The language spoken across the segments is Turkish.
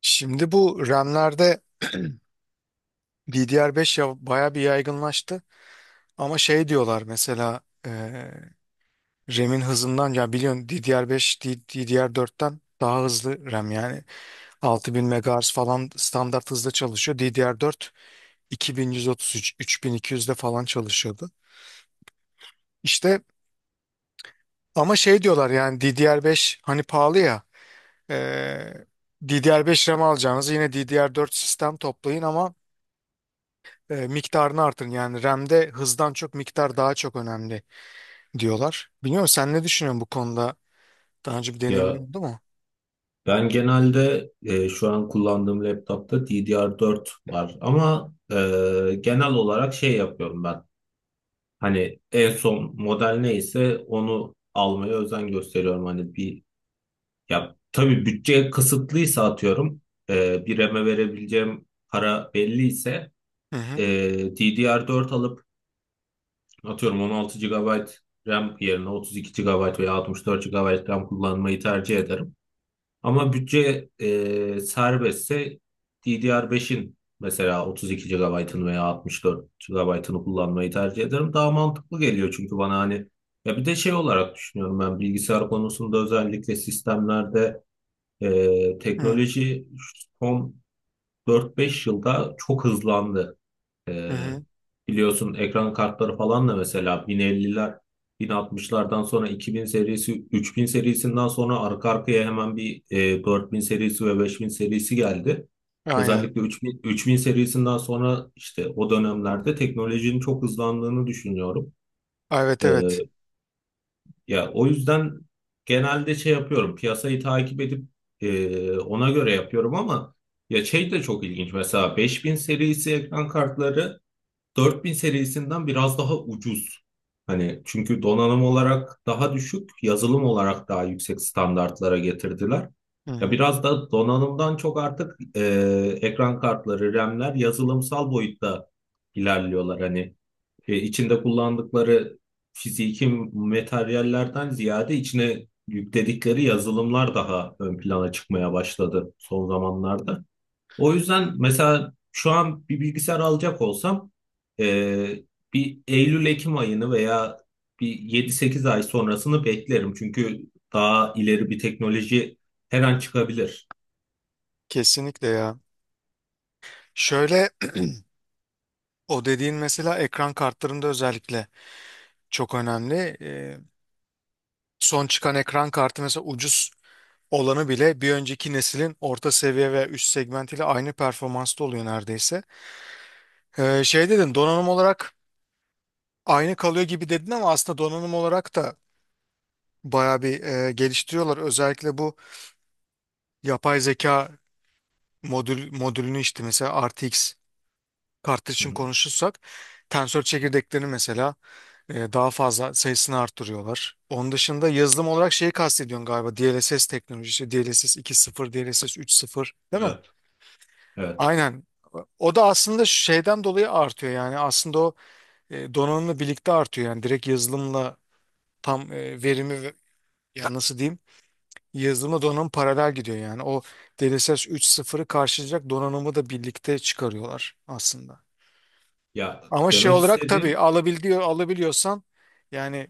Şimdi bu RAM'lerde DDR5 ya bayağı bir yaygınlaştı. Ama şey diyorlar mesela e, RAM'in hızından ya biliyorsun DDR5 DDR4'ten daha hızlı RAM yani 6000 megahertz falan standart hızda çalışıyor. DDR4 2133 3200'de falan çalışıyordu. İşte ama şey diyorlar yani DDR5 hani pahalı ya e, DDR5 RAM alacağınız yine DDR4 sistem toplayın ama miktarını artırın. Yani RAM'de hızdan çok miktar daha çok önemli diyorlar. Biliyor musun sen ne düşünüyorsun bu konuda? Daha önce bir Ya, deneyimin oldu mu? ben genelde şu an kullandığım laptopta DDR4 var ama genel olarak şey yapıyorum ben. Hani en son model neyse onu almaya özen gösteriyorum. Hani bir ya tabii bütçe kısıtlıysa atıyorum bir RAM'e verebileceğim para belliyse Hı e, hı. DDR4 alıp atıyorum 16 gigabayt RAM yerine 32 gigabayt veya 64 gigabayt RAM kullanmayı tercih ederim. Ama bütçe serbestse DDR5'in mesela 32 GB'ını veya 64 GB'ını kullanmayı tercih ederim. Daha mantıklı geliyor çünkü bana hani ya bir de şey olarak düşünüyorum ben bilgisayar konusunda özellikle sistemlerde Hı teknoloji son 4-5 yılda çok hızlandı. hı. Ee, Hı. biliyorsun ekran kartları falan da mesela 1050'ler, 1060'lardan sonra 2000 serisi, 3000 serisinden sonra arka arkaya hemen bir 4000 serisi ve 5000 serisi geldi. Aynen. Özellikle 3000 serisinden sonra işte o dönemlerde teknolojinin çok hızlandığını düşünüyorum. Evet Ee, evet. ya o yüzden genelde şey yapıyorum, piyasayı takip edip ona göre yapıyorum ama ya şey de çok ilginç mesela 5000 serisi ekran kartları 4000 serisinden biraz daha ucuz. Hani çünkü donanım olarak daha düşük, yazılım olarak daha yüksek standartlara getirdiler. Hı Ya hı. biraz da donanımdan çok artık ekran kartları, RAM'ler yazılımsal boyutta ilerliyorlar. Hani içinde kullandıkları fiziki materyallerden ziyade içine yükledikleri yazılımlar daha ön plana çıkmaya başladı son zamanlarda. O yüzden mesela şu an bir bilgisayar alacak olsam e, bir Eylül-Ekim ayını veya bir yedi sekiz ay sonrasını beklerim. Çünkü daha ileri bir teknoloji her an çıkabilir. Kesinlikle ya. Şöyle o dediğin mesela ekran kartlarında özellikle çok önemli. E, Son çıkan ekran kartı mesela ucuz olanı bile bir önceki neslin orta seviye veya üst segmentiyle aynı performansta oluyor neredeyse. Şey dedin donanım olarak aynı kalıyor gibi dedin ama aslında donanım olarak da bayağı bir geliştiriyorlar. Özellikle bu yapay zeka modülünü işte mesela RTX kartı Hı için hı. konuşursak tensör çekirdeklerini mesela daha fazla sayısını arttırıyorlar. Onun dışında yazılım olarak şeyi kastediyorsun galiba DLSS teknolojisi DLSS 2.0 DLSS 3.0 değil mi? Evet, evet. Aynen. O da aslında şeyden dolayı artıyor yani aslında o donanımla birlikte artıyor yani direkt yazılımla tam verimi, ya nasıl diyeyim, yazılımla donanım paralel gidiyor yani. O DLSS 3.0'ı karşılayacak donanımı da birlikte çıkarıyorlar aslında. Ya, Ama şey demek olarak istediğim. tabii alabiliyorsan yani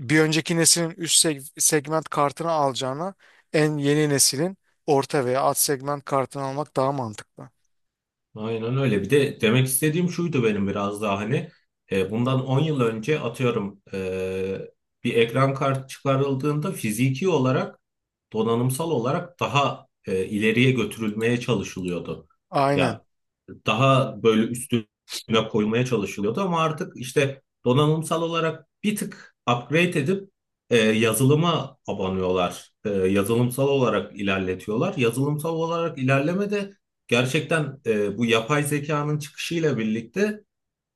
bir önceki neslin üst segment kartını alacağına en yeni neslin orta veya alt segment kartını almak daha mantıklı. Aynen öyle. Bir de demek istediğim şuydu benim biraz daha hani bundan 10 yıl önce atıyorum bir ekran kartı çıkarıldığında fiziki olarak donanımsal olarak daha ileriye götürülmeye çalışılıyordu. Aynen. Ya daha böyle üstüne koymaya çalışılıyordu ama artık işte donanımsal olarak bir tık upgrade edip yazılıma abanıyorlar. Yazılımsal olarak ilerletiyorlar. Yazılımsal olarak ilerleme de gerçekten bu yapay zekanın çıkışıyla birlikte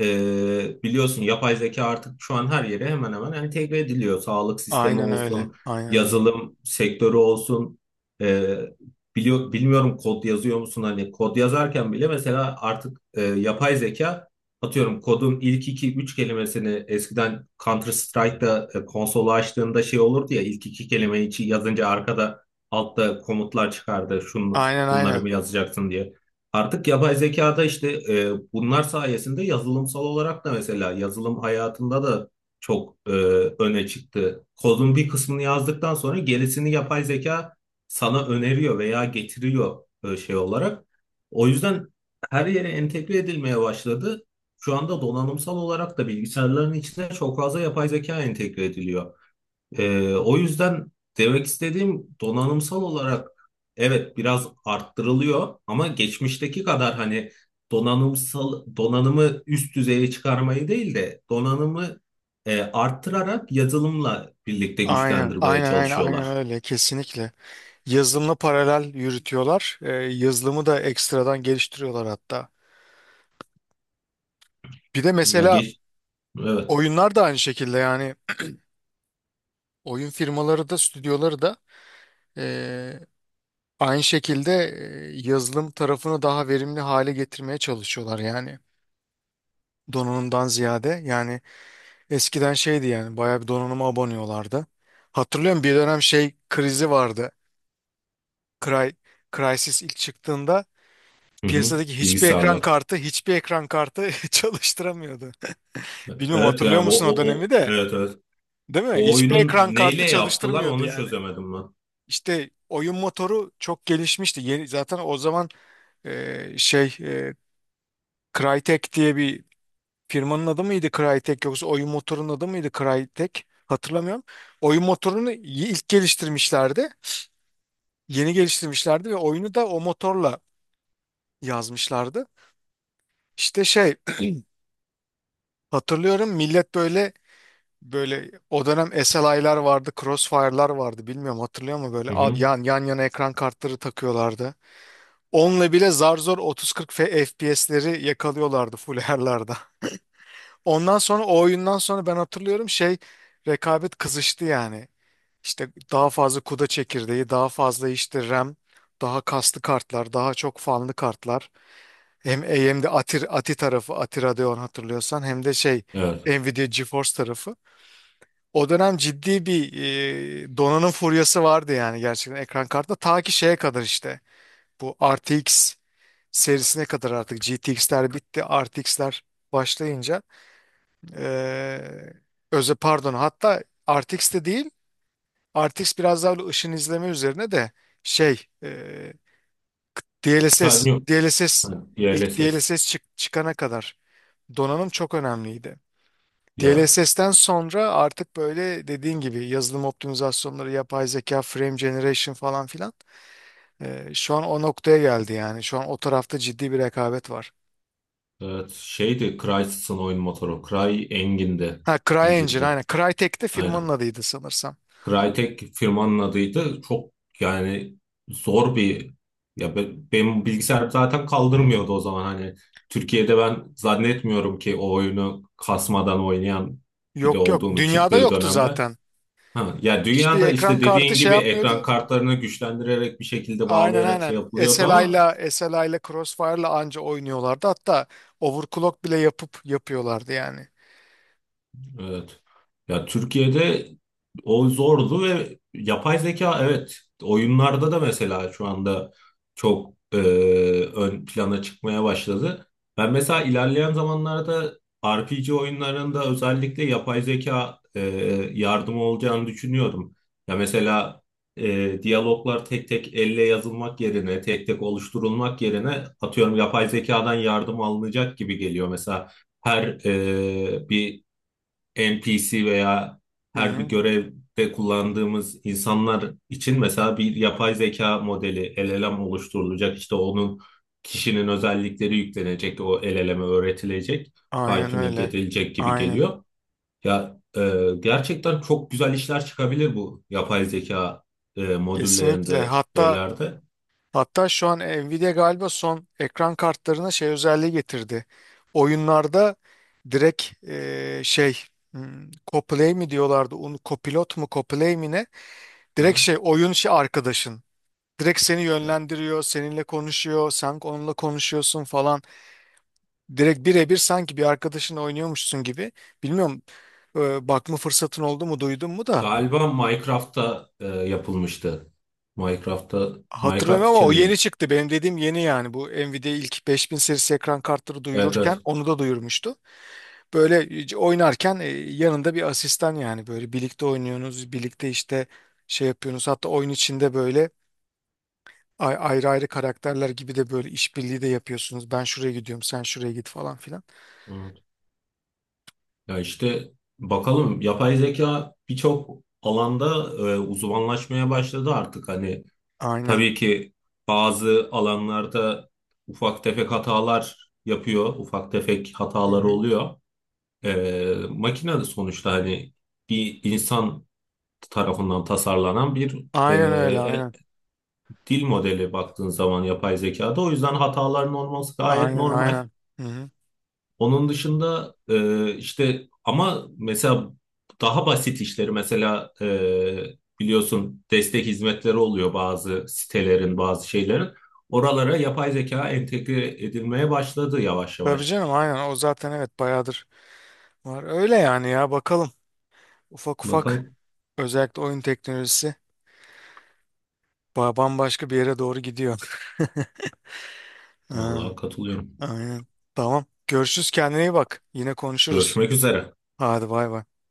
biliyorsun yapay zeka artık şu an her yere hemen hemen entegre ediliyor. Sağlık sistemi Aynen öyle. olsun, Aynen öyle. yazılım sektörü olsun. E, bilmiyorum kod yazıyor musun? Hani kod yazarken bile mesela artık yapay zeka atıyorum kodun ilk iki üç kelimesini eskiden Counter Strike'da konsolu açtığında şey olurdu ya ilk iki kelimeyi yazınca arkada altta komutlar çıkardı. Şunu, Aynen bunları aynen. mı yazacaksın diye. Artık yapay zekada işte bunlar sayesinde yazılımsal olarak da mesela yazılım hayatında da çok öne çıktı. Kodun bir kısmını yazdıktan sonra gerisini yapay zeka sana öneriyor veya getiriyor şey olarak. O yüzden her yere entegre edilmeye başladı. Şu anda donanımsal olarak da bilgisayarların içine çok fazla yapay zeka entegre ediliyor. O yüzden demek istediğim donanımsal olarak evet biraz arttırılıyor ama geçmişteki kadar hani donanımsal donanımı üst düzeye çıkarmayı değil de donanımı arttırarak yazılımla birlikte Aynen, güçlendirmeye aynen, aynen, aynen çalışıyorlar. öyle kesinlikle. Yazılımla paralel yürütüyorlar. Yazılımı da ekstradan geliştiriyorlar hatta. Bir de Ya mesela geç, evet. oyunlar da aynı şekilde yani oyun firmaları da stüdyoları da eee, aynı şekilde yazılım tarafını daha verimli hale getirmeye çalışıyorlar yani donanımdan ziyade. Yani eskiden şeydi yani bayağı bir donanıma aboneyorlardı. Hatırlıyorum bir dönem şey krizi vardı. Cry, Crysis ilk çıktığında Hı hı. piyasadaki hiçbir ekran Bilgisayarlar. kartı hiçbir ekran kartı çalıştıramıyordu. Bilmiyorum Evet hatırlıyor yani o, musun o o, o dönemi de? evet evet. Değil mi? O Hiçbir oyunun ekran neyle kartı yaptılar çalıştırmıyordu onu yani. çözemedim ben. İşte oyun motoru çok gelişmişti. Yeni, zaten o zaman şey Crytek diye bir firmanın adı mıydı Crytek yoksa oyun motorunun adı mıydı Crytek? Hatırlamıyorum. Oyun motorunu ilk geliştirmişlerdi. Yeni geliştirmişlerdi ve oyunu da o motorla yazmışlardı. İşte şey hatırlıyorum millet böyle böyle o dönem SLI'lar vardı, Crossfire'lar vardı. Bilmiyorum hatırlıyor mu böyle Hı Abi hı. yan yan yana ekran kartları takıyorlardı. Onunla bile zar zor 30-40 FPS'leri yakalıyorlardı full her'larda. Ondan sonra o oyundan sonra ben hatırlıyorum şey rekabet kızıştı yani. İşte daha fazla kuda çekirdeği, daha fazla işte RAM, daha kaslı kartlar, daha çok fanlı kartlar. Hem AMD Ati tarafı, Ati Radeon hatırlıyorsan hem de şey Evet. Nvidia GeForce tarafı. O dönem ciddi bir donanım furyası vardı yani gerçekten ekran kartında. Ta ki şeye kadar işte bu RTX serisine kadar artık GTX'ler bitti. RTX'ler başlayınca eee özel pardon hatta RTX de değil RTX biraz daha böyle ışın izleme üzerine de şey Sen DLSS yok. Ha, DLSS ilk DLSS. DLSS çıkana kadar donanım çok önemliydi. Ya, DLSS'ten sonra artık böyle dediğin gibi yazılım optimizasyonları, yapay zeka, frame generation falan filan şu an o noktaya geldi yani. Şu an o tarafta ciddi bir rekabet var. evet, şeydi Crysis'ın oyun motoru. Cry Engin'di. Ha CryEngine İncil'di. aynen. Crytek de firmanın Aynen. adıydı sanırsam. Crytek firmanın adıydı. Çok yani zor bir ya benim bilgisayarım zaten kaldırmıyordu o zaman hani Türkiye'de ben zannetmiyorum ki o oyunu kasmadan oynayan biri Yok yok olduğunu dünyada çıktığı yoktu dönemde. zaten. Ha, ya Hiçbir dünyada ekran işte kartı dediğin şey gibi ekran yapmıyordu. kartlarını güçlendirerek bir şekilde Aynen bağlayarak şey aynen. yapılıyordu ama SLI'la Crossfire'la anca oynuyorlardı. Hatta overclock bile yapıp yapıyorlardı yani. evet. Ya Türkiye'de o zordu ve yapay zeka evet oyunlarda da mesela şu anda çok ön plana çıkmaya başladı. Ben mesela ilerleyen zamanlarda RPG oyunlarında özellikle yapay zeka yardımı olacağını düşünüyorum. Ya mesela diyaloglar tek tek elle yazılmak yerine, tek tek oluşturulmak yerine atıyorum yapay zekadan yardım alınacak gibi geliyor. Mesela her bir NPC veya Hı her bir hı. görevde kullandığımız insanlar için mesela bir yapay zeka modeli LLM oluşturulacak. İşte onun kişinin özellikleri yüklenecek, o LLM'e öğretilecek, fine Aynen tuning öyle. edilecek gibi Aynen. geliyor. Ya gerçekten çok güzel işler çıkabilir bu yapay zeka Kesinlikle. modüllerinde, Hatta şeylerde. Hatta şu an Nvidia galiba son ekran kartlarına şey özelliği getirdi. Oyunlarda direkt şey co-play mi diyorlardı? Co-pilot mu co-play mi ne? Hı Direkt hı. şey oyun şey arkadaşın. Direkt seni yönlendiriyor, seninle konuşuyor, sen onunla konuşuyorsun falan. Direkt birebir sanki bir arkadaşın oynuyormuşsun gibi. Bilmiyorum bakma fırsatın oldu mu, duydun mu da. Galiba Minecraft'ta yapılmıştı. Minecraft'ta Minecraft Hatırlamıyorum ama o için mi? yeni çıktı. Benim dediğim yeni yani. Bu Nvidia ilk 5000 serisi ekran kartları Evet duyururken evet. onu da duyurmuştu. Böyle oynarken yanında bir asistan yani. Böyle birlikte oynuyorsunuz, birlikte işte şey yapıyorsunuz. Hatta oyun içinde böyle ayrı ayrı karakterler gibi de böyle işbirliği de yapıyorsunuz. Ben şuraya gidiyorum, sen şuraya git falan filan. Hı. Ya işte bakalım yapay zeka birçok alanda uzmanlaşmaya başladı artık. Hani Aynen. tabii ki bazı alanlarda ufak tefek hatalar yapıyor, ufak tefek Hı hataları hı. oluyor. Makine de sonuçta hani bir insan tarafından tasarlanan bir e, Aynen öyle, e, aynen. dil modeli baktığın zaman yapay zekada. O yüzden hataların olması gayet Aynen, normal. aynen. Hı hı. Onun dışında işte ama mesela daha basit işleri mesela biliyorsun destek hizmetleri oluyor bazı sitelerin bazı şeylerin. Oralara yapay zeka entegre edilmeye başladı yavaş Tabii yavaş. canım aynen. O zaten, evet, bayağıdır var. Öyle yani ya bakalım. Ufak ufak Bakalım. özellikle oyun teknolojisi. Bambaşka bir yere doğru gidiyor. Ha, Vallahi katılıyorum. aynen. Tamam. Görüşürüz. Kendine iyi bak. Yine konuşuruz. Görüşmek üzere. Hadi bay bay.